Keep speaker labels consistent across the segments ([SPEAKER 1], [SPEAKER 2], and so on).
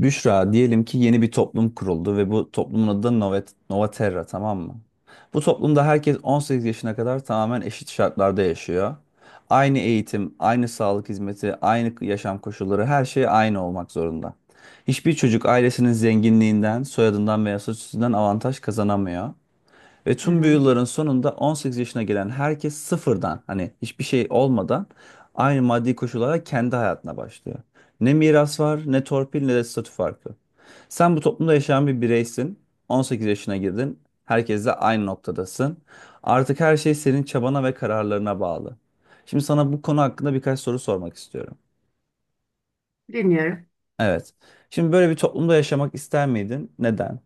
[SPEAKER 1] Büşra, diyelim ki yeni bir toplum kuruldu ve bu toplumun adı da Nova, Nova Terra, tamam mı? Bu toplumda herkes 18 yaşına kadar tamamen eşit şartlarda yaşıyor. Aynı eğitim, aynı sağlık hizmeti, aynı yaşam koşulları, her şey aynı olmak zorunda. Hiçbir çocuk ailesinin zenginliğinden, soyadından veya statüsünden avantaj kazanamıyor. Ve
[SPEAKER 2] Hı
[SPEAKER 1] tüm bu
[SPEAKER 2] hı,
[SPEAKER 1] yılların sonunda 18 yaşına gelen herkes sıfırdan, hani hiçbir şey olmadan aynı maddi koşullara, kendi hayatına başlıyor. Ne miras var, ne torpil, ne de statü farkı. Sen bu toplumda yaşayan bir bireysin. 18 yaşına girdin. Herkesle aynı noktadasın. Artık her şey senin çabana ve kararlarına bağlı. Şimdi sana bu konu hakkında birkaç soru sormak istiyorum.
[SPEAKER 2] dinliyorum.
[SPEAKER 1] Evet. Şimdi böyle bir toplumda yaşamak ister miydin? Neden?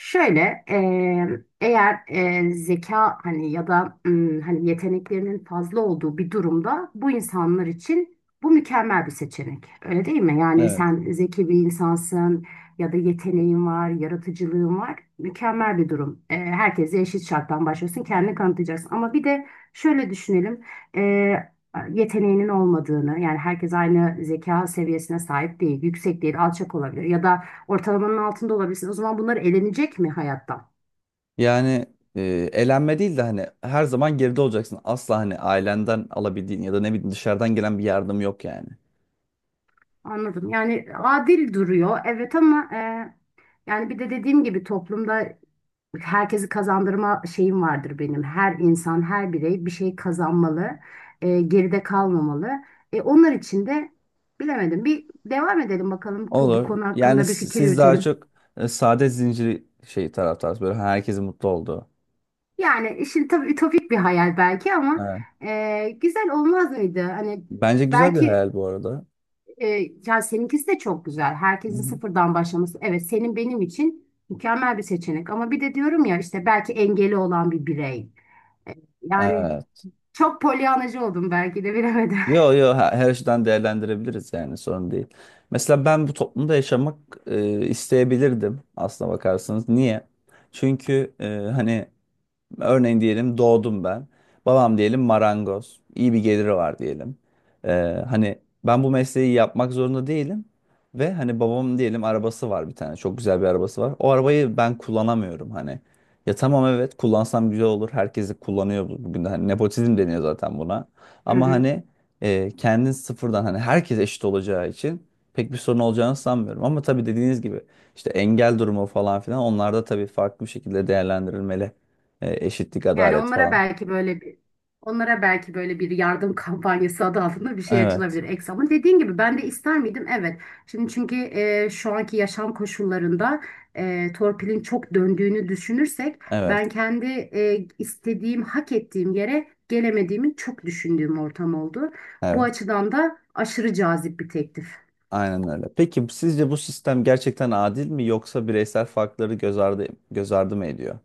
[SPEAKER 2] Şöyle eğer zeka hani ya da hani yeteneklerinin fazla olduğu bir durumda bu insanlar için bu mükemmel bir seçenek. Öyle değil mi? Yani
[SPEAKER 1] Evet.
[SPEAKER 2] sen zeki bir insansın ya da yeteneğin var, yaratıcılığın var. Mükemmel bir durum. Herkese eşit şarttan başlıyorsun, kendini kanıtlayacaksın. Ama bir de şöyle düşünelim. Eee, Yeteneğinin olmadığını yani herkes aynı zeka seviyesine sahip değil, yüksek değil, alçak olabilir ya da ortalamanın altında olabilirsin. O zaman bunlar elenecek mi hayattan?
[SPEAKER 1] Yani e, elenme değil de hani her zaman geride olacaksın. Asla hani ailenden alabildiğin ya da ne bileyim dışarıdan gelen bir yardım yok yani.
[SPEAKER 2] Anladım. Yani adil duruyor. Evet ama yani bir de dediğim gibi toplumda herkesi kazandırma şeyim vardır benim. Her insan, her birey bir şey kazanmalı. Geride kalmamalı. Onlar için de bilemedim. Bir devam edelim bakalım bu
[SPEAKER 1] Olur.
[SPEAKER 2] konu hakkında bir fikir
[SPEAKER 1] Siz daha
[SPEAKER 2] yürütelim.
[SPEAKER 1] çok saadet zinciri şey taraftarsınız. Böyle herkesin mutlu olduğu.
[SPEAKER 2] Yani işin tabii ütopik bir hayal belki ama
[SPEAKER 1] Evet.
[SPEAKER 2] güzel olmaz mıydı? Hani
[SPEAKER 1] Bence güzel bir
[SPEAKER 2] belki.
[SPEAKER 1] hayal bu arada.
[SPEAKER 2] E, Ya seninkisi de çok güzel.
[SPEAKER 1] Hı
[SPEAKER 2] Herkesin
[SPEAKER 1] hı.
[SPEAKER 2] sıfırdan başlaması. Evet, senin benim için mükemmel bir seçenek. Ama bir de diyorum ya işte belki engeli olan bir birey. E, Yani
[SPEAKER 1] Evet.
[SPEAKER 2] çok polyanacı oldum belki de bilemedim.
[SPEAKER 1] Yo yo, her, her açıdan değerlendirebiliriz, yani sorun değil. Mesela ben bu toplumda yaşamak isteyebilirdim, aslına bakarsanız. Niye? Çünkü e, hani Örneğin diyelim doğdum ben. Babam diyelim marangoz. İyi bir geliri var diyelim. Ee, hani ben bu mesleği yapmak zorunda değilim. Ve hani babamın diyelim arabası var bir tane. Çok güzel bir arabası var. O arabayı ben kullanamıyorum hani. Ya tamam, evet, kullansam güzel olur. Herkes de kullanıyor bugün de. Hani nepotizm deniyor zaten buna. Ama hani kendin sıfırdan, hani herkes eşit olacağı için pek bir sorun olacağını sanmıyorum. Ama tabii, dediğiniz gibi, işte engel durumu falan filan, onlar da tabii farklı bir şekilde değerlendirilmeli. E, eşitlik,
[SPEAKER 2] Yani
[SPEAKER 1] adalet
[SPEAKER 2] onlara
[SPEAKER 1] falan.
[SPEAKER 2] belki böyle bir onlara belki böyle bir yardım kampanyası adı altında bir şey
[SPEAKER 1] Evet,
[SPEAKER 2] açılabilir Eksa. Ama dediğin gibi ben de ister miydim? Evet. Şimdi çünkü şu anki yaşam koşullarında torpilin çok döndüğünü düşünürsek
[SPEAKER 1] evet,
[SPEAKER 2] ben kendi istediğim, hak ettiğim yere gelemediğimi çok düşündüğüm ortam oldu. Bu
[SPEAKER 1] evet.
[SPEAKER 2] açıdan da aşırı cazip bir teklif.
[SPEAKER 1] Aynen öyle. Peki sizce bu sistem gerçekten adil mi, yoksa bireysel farkları göz ardı mı ediyor?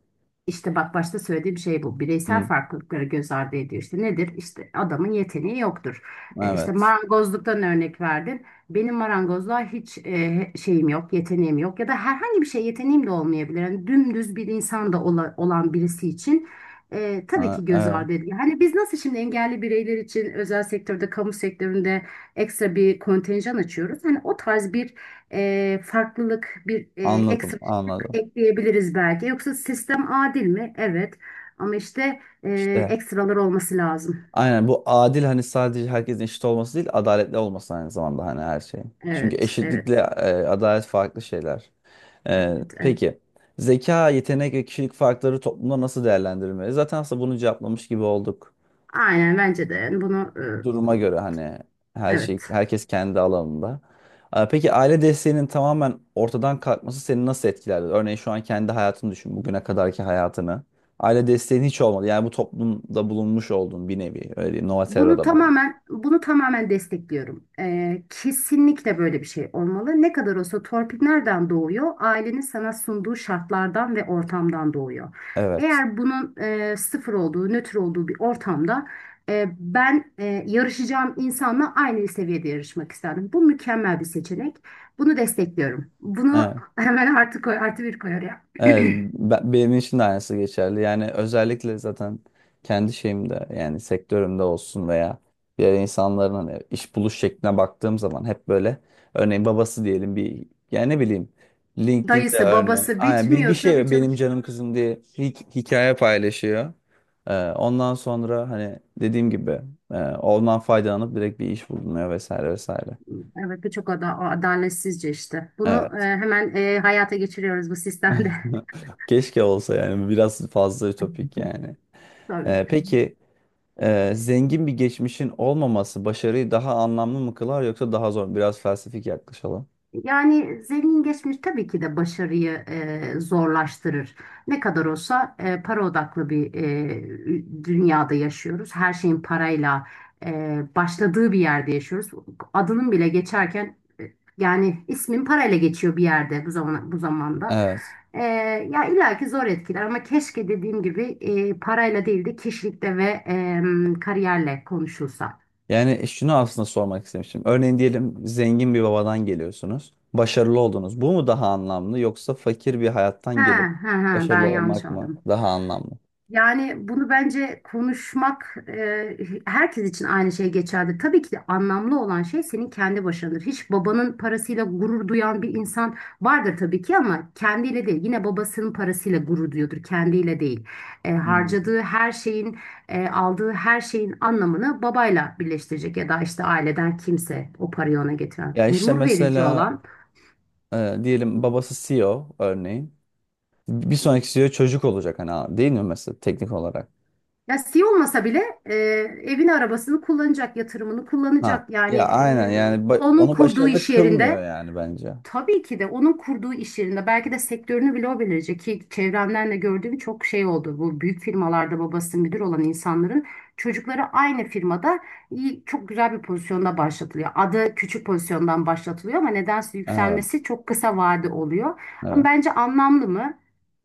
[SPEAKER 2] İşte bak başta söylediğim şey bu. Bireysel
[SPEAKER 1] Hı,
[SPEAKER 2] farklılıkları göz ardı ediyor. İşte nedir? İşte adamın yeteneği yoktur. İşte
[SPEAKER 1] evet.
[SPEAKER 2] marangozluktan örnek verdin. Benim marangozluğa hiç şeyim yok, yeteneğim yok. Ya da herhangi bir şey yeteneğim de olmayabilir. Yani dümdüz bir insan da olan birisi için tabii
[SPEAKER 1] Ha,
[SPEAKER 2] ki göz
[SPEAKER 1] evet.
[SPEAKER 2] ardı ediyor. Hani biz nasıl şimdi engelli bireyler için özel sektörde, kamu sektöründe ekstra bir kontenjan açıyoruz. Hani o tarz bir farklılık, bir
[SPEAKER 1] Anladım,
[SPEAKER 2] ekstra
[SPEAKER 1] anladım.
[SPEAKER 2] ekleyebiliriz belki. Yoksa sistem adil mi? Evet. Ama işte
[SPEAKER 1] İşte
[SPEAKER 2] ekstralar olması lazım.
[SPEAKER 1] aynen, bu adil hani. Sadece herkesin eşit olması değil, adaletli olması aynı zamanda hani, her şeyin. Çünkü
[SPEAKER 2] Evet, evet,
[SPEAKER 1] eşitlikle adalet farklı şeyler. E,
[SPEAKER 2] evet, evet.
[SPEAKER 1] peki zeka, yetenek ve kişilik farkları toplumda nasıl değerlendirilmeli? Zaten aslında bunu cevaplamış gibi olduk.
[SPEAKER 2] Aynen bence de. Yani bunu
[SPEAKER 1] Duruma göre hani, her şey
[SPEAKER 2] evet.
[SPEAKER 1] herkes kendi alanında. Peki aile desteğinin tamamen ortadan kalkması seni nasıl etkilerdi? Örneğin şu an kendi hayatını düşün, bugüne kadarki hayatını. Aile desteğin hiç olmadı. Yani bu toplumda bulunmuş oldun bir nevi. Öyle diyeyim,
[SPEAKER 2] Bunu
[SPEAKER 1] Novaterra'da bulun.
[SPEAKER 2] tamamen bunu tamamen destekliyorum. Kesinlikle böyle bir şey olmalı. Ne kadar olsa torpil nereden doğuyor? Ailenin sana sunduğu şartlardan ve ortamdan doğuyor.
[SPEAKER 1] Evet.
[SPEAKER 2] Eğer bunun sıfır olduğu, nötr olduğu bir ortamda ben yarışacağım insanla aynı seviyede yarışmak isterdim. Bu mükemmel bir seçenek. Bunu destekliyorum. Bunu
[SPEAKER 1] Evet.
[SPEAKER 2] hemen artı koy, artı bir koyar ya.
[SPEAKER 1] Benim için de aynısı geçerli. Yani özellikle zaten kendi şeyimde, yani sektörümde olsun veya diğer insanların hani iş buluş şekline baktığım zaman hep böyle örneğin babası diyelim bir, yani ne bileyim, LinkedIn'de
[SPEAKER 2] Dayısı,
[SPEAKER 1] örneğin
[SPEAKER 2] babası
[SPEAKER 1] aynen bir
[SPEAKER 2] bitmiyor tabii
[SPEAKER 1] şey,
[SPEAKER 2] canım.
[SPEAKER 1] benim canım kızım diye hikaye paylaşıyor. Ondan sonra hani dediğim gibi, ondan faydalanıp direkt bir iş bulunuyor vesaire vesaire.
[SPEAKER 2] Evet, bu çok adaletsizce işte. Bunu
[SPEAKER 1] Evet.
[SPEAKER 2] hemen hayata geçiriyoruz bu sistemde.
[SPEAKER 1] Keşke olsa yani, biraz fazla ütopik yani.
[SPEAKER 2] Tabii.
[SPEAKER 1] Peki zengin bir geçmişin olmaması başarıyı daha anlamlı mı kılar, yoksa daha zor mu? Biraz felsefik yaklaşalım.
[SPEAKER 2] Yani zengin geçmiş tabii ki de başarıyı zorlaştırır. Ne kadar olsa para odaklı bir dünyada yaşıyoruz. Her şeyin parayla başladığı bir yerde yaşıyoruz. Adının bile geçerken yani ismin parayla geçiyor bir yerde, bu zaman bu zamanda.
[SPEAKER 1] Evet.
[SPEAKER 2] E, Ya illaki zor etkiler, ama keşke dediğim gibi parayla değil de kişilikle ve kariyerle konuşulsa.
[SPEAKER 1] Yani şunu aslında sormak istemiştim. Örneğin diyelim zengin bir babadan geliyorsunuz. Başarılı oldunuz. Bu mu daha anlamlı, yoksa fakir bir hayattan
[SPEAKER 2] Ha,
[SPEAKER 1] gelip
[SPEAKER 2] ha, ha, ben
[SPEAKER 1] başarılı
[SPEAKER 2] yanlış
[SPEAKER 1] olmak mı
[SPEAKER 2] anladım.
[SPEAKER 1] daha anlamlı?
[SPEAKER 2] Yani bunu bence konuşmak, herkes için aynı şey geçerli. Tabii ki de anlamlı olan şey senin kendi başındır. Hiç babanın parasıyla gurur duyan bir insan vardır tabii ki, ama kendiyle değil. Yine babasının parasıyla gurur duyuyordur, kendiyle değil.
[SPEAKER 1] Hmm.
[SPEAKER 2] Harcadığı her şeyin, aldığı her şeyin anlamını babayla birleştirecek ya da işte aileden kimse o parayı ona getiren.
[SPEAKER 1] Ya işte
[SPEAKER 2] Gurur verici
[SPEAKER 1] mesela
[SPEAKER 2] olan.
[SPEAKER 1] diyelim babası CEO örneğin. Bir sonraki CEO çocuk olacak hani abi, değil mi, mesela teknik olarak?
[SPEAKER 2] Ya olmasa bile evini arabasını kullanacak, yatırımını
[SPEAKER 1] Ha.
[SPEAKER 2] kullanacak. Yani
[SPEAKER 1] Ya aynen yani ba-
[SPEAKER 2] onun
[SPEAKER 1] onu
[SPEAKER 2] kurduğu
[SPEAKER 1] başarılı
[SPEAKER 2] iş
[SPEAKER 1] kılmıyor
[SPEAKER 2] yerinde.
[SPEAKER 1] yani bence.
[SPEAKER 2] Tabii ki de onun kurduğu iş yerinde belki de sektörünü bile o belirleyecek ki çevremden de gördüğüm çok şey oldu. Bu büyük firmalarda babası müdür olan insanların çocukları aynı firmada iyi, çok güzel bir pozisyonda başlatılıyor. Adı küçük pozisyondan başlatılıyor ama nedense
[SPEAKER 1] Evet,
[SPEAKER 2] yükselmesi çok kısa vade oluyor. Ama
[SPEAKER 1] evet.
[SPEAKER 2] bence anlamlı mı?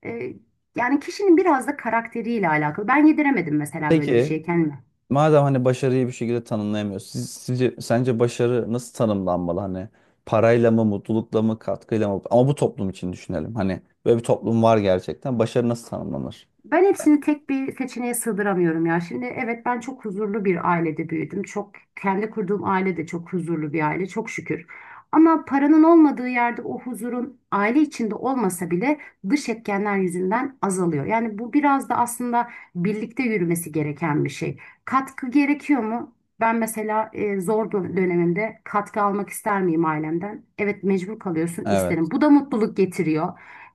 [SPEAKER 2] Ee, Yani kişinin biraz da karakteriyle alakalı. Ben yediremedim mesela böyle bir
[SPEAKER 1] Peki
[SPEAKER 2] şey kendime.
[SPEAKER 1] madem hani başarıyı bir şekilde tanımlayamıyoruz, sence başarı nasıl tanımlanmalı? Hani parayla mı, mutlulukla mı, katkıyla mı? Ama bu toplum için düşünelim. Hani böyle bir toplum var gerçekten. Başarı nasıl tanımlanır?
[SPEAKER 2] Ben hepsini tek bir seçeneğe sığdıramıyorum ya. Şimdi evet, ben çok huzurlu bir ailede büyüdüm. Çok, kendi kurduğum aile de çok huzurlu bir aile, çok şükür. Ama paranın olmadığı yerde o huzurun aile içinde olmasa bile dış etkenler yüzünden azalıyor. Yani bu biraz da aslında birlikte yürümesi gereken bir şey. Katkı gerekiyor mu? Ben mesela zor dönemimde katkı almak ister miyim ailemden? Evet, mecbur kalıyorsun,
[SPEAKER 1] Evet.
[SPEAKER 2] isterim. Bu da mutluluk getiriyor.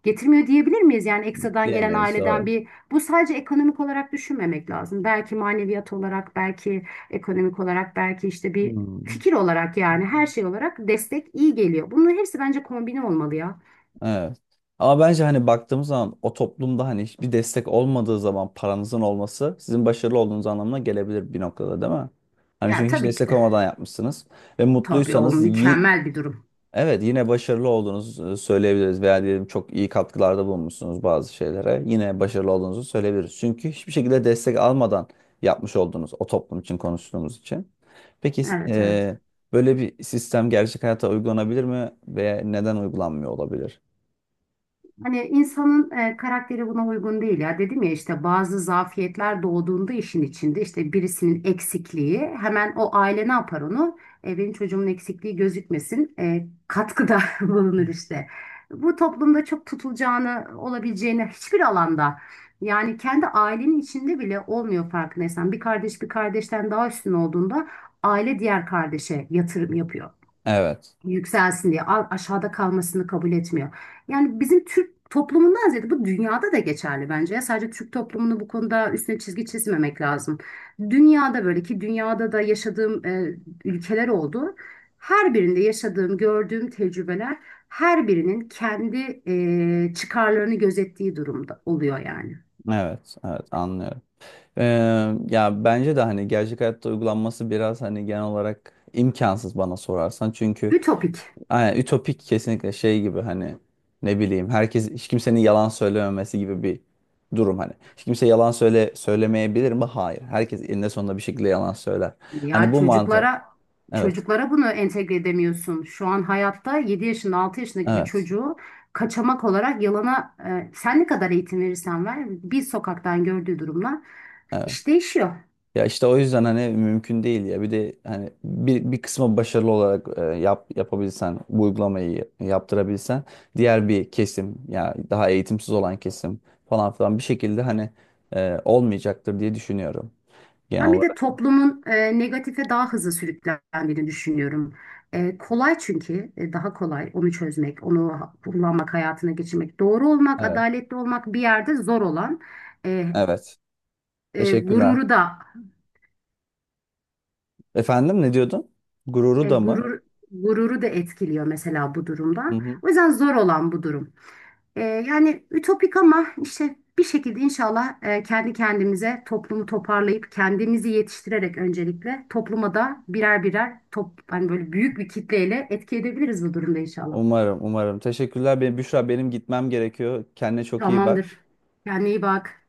[SPEAKER 2] Getirmiyor diyebilir miyiz? Yani ekstradan gelen
[SPEAKER 1] Diyemeyiz.
[SPEAKER 2] aileden
[SPEAKER 1] Doğru.
[SPEAKER 2] bir, bu sadece ekonomik olarak düşünmemek lazım. Belki maneviyat olarak, belki ekonomik olarak, belki işte bir
[SPEAKER 1] Hmm.
[SPEAKER 2] fikir olarak, yani her şey olarak destek iyi geliyor. Bunların hepsi bence kombine olmalı ya.
[SPEAKER 1] Evet. Ama bence hani baktığımız zaman o toplumda, hani hiçbir destek olmadığı zaman, paranızın olması sizin başarılı olduğunuz anlamına gelebilir bir noktada, değil mi? Hani
[SPEAKER 2] Ya
[SPEAKER 1] çünkü hiç
[SPEAKER 2] tabii ki
[SPEAKER 1] destek
[SPEAKER 2] de.
[SPEAKER 1] olmadan yapmışsınız ve
[SPEAKER 2] Tabii, o mükemmel bir durum.
[SPEAKER 1] evet, yine başarılı olduğunuzu söyleyebiliriz, veya diyelim çok iyi katkılarda bulunmuşsunuz bazı şeylere, yine başarılı olduğunuzu söyleyebiliriz. Çünkü hiçbir şekilde destek almadan yapmış oldunuz, o toplum için konuştuğumuz için. Peki
[SPEAKER 2] Evet, evet.
[SPEAKER 1] böyle bir sistem gerçek hayata uygulanabilir mi, veya neden uygulanmıyor olabilir?
[SPEAKER 2] Hani insanın karakteri buna uygun değil ya. Dedim ya, işte bazı zafiyetler doğduğunda işin içinde, işte birisinin eksikliği hemen, o aile ne yapar onu? Benim çocuğumun eksikliği gözükmesin. Katkıda bulunur işte. Bu toplumda çok tutulacağını, olabileceğini hiçbir alanda, yani kendi ailenin içinde bile olmuyor, farkındaysan. Bir kardeş bir kardeşten daha üstün olduğunda aile diğer kardeşe yatırım yapıyor
[SPEAKER 1] Evet,
[SPEAKER 2] yükselsin diye, aşağıda kalmasını kabul etmiyor. Yani bizim Türk toplumundan ziyade bu dünyada da geçerli bence. Ya sadece Türk toplumunu bu konuda üstüne çizgi çizmemek lazım. Dünyada böyle, ki dünyada da yaşadığım ülkeler oldu. Her birinde yaşadığım, gördüğüm tecrübeler her birinin kendi çıkarlarını gözettiği durumda oluyor yani.
[SPEAKER 1] evet, evet, anlıyorum. Ee, ya bence de hani gerçek hayatta uygulanması biraz hani genel olarak imkansız, bana sorarsan. Çünkü
[SPEAKER 2] Ütopik.
[SPEAKER 1] hani, ütopik kesinlikle. Şey gibi hani, ne bileyim, herkes hiç kimsenin yalan söylememesi gibi bir durum hani. Hiç kimse yalan söyle söylemeyebilir mi? Hayır. Herkes eninde sonunda bir şekilde yalan söyler. Hani
[SPEAKER 2] Ya
[SPEAKER 1] bu mantık.
[SPEAKER 2] çocuklara
[SPEAKER 1] Evet,
[SPEAKER 2] çocuklara bunu entegre edemiyorsun. Şu an hayatta 7 yaşında, 6 yaşındaki bir
[SPEAKER 1] evet,
[SPEAKER 2] çocuğu, kaçamak olarak yalana sen ne kadar eğitim verirsen ver, bir sokaktan gördüğü durumla
[SPEAKER 1] evet.
[SPEAKER 2] iş değişiyor.
[SPEAKER 1] Ya işte o yüzden hani mümkün değil ya. Bir de hani bir kısmı başarılı olarak yapabilsen, bu uygulamayı yaptırabilsen, diğer bir kesim, ya daha eğitimsiz olan kesim falan filan, bir şekilde hani olmayacaktır diye düşünüyorum genel
[SPEAKER 2] Ben bir de
[SPEAKER 1] olarak.
[SPEAKER 2] toplumun negatife daha hızlı sürüklendiğini düşünüyorum. Kolay, çünkü daha kolay onu çözmek, onu kullanmak, hayatına geçirmek. Doğru olmak,
[SPEAKER 1] Evet.
[SPEAKER 2] adaletli olmak bir yerde zor olan, e,
[SPEAKER 1] Evet.
[SPEAKER 2] e,
[SPEAKER 1] Teşekkürler.
[SPEAKER 2] gururu da
[SPEAKER 1] Efendim, ne diyordun? Gururu
[SPEAKER 2] E,
[SPEAKER 1] da mı?
[SPEAKER 2] gurur gururu da etkiliyor mesela bu
[SPEAKER 1] Hı
[SPEAKER 2] durumda.
[SPEAKER 1] hı.
[SPEAKER 2] O yüzden zor olan bu durum. Yani ütopik, ama işte bir şekilde inşallah kendi kendimize toplumu toparlayıp kendimizi yetiştirerek, öncelikle topluma da birer birer hani böyle büyük bir kitleyle etki edebiliriz bu durumda inşallah.
[SPEAKER 1] Umarım, umarım. Teşekkürler. Benim, Büşra, benim gitmem gerekiyor. Kendine çok iyi bak.
[SPEAKER 2] Tamamdır. Kendine iyi bak.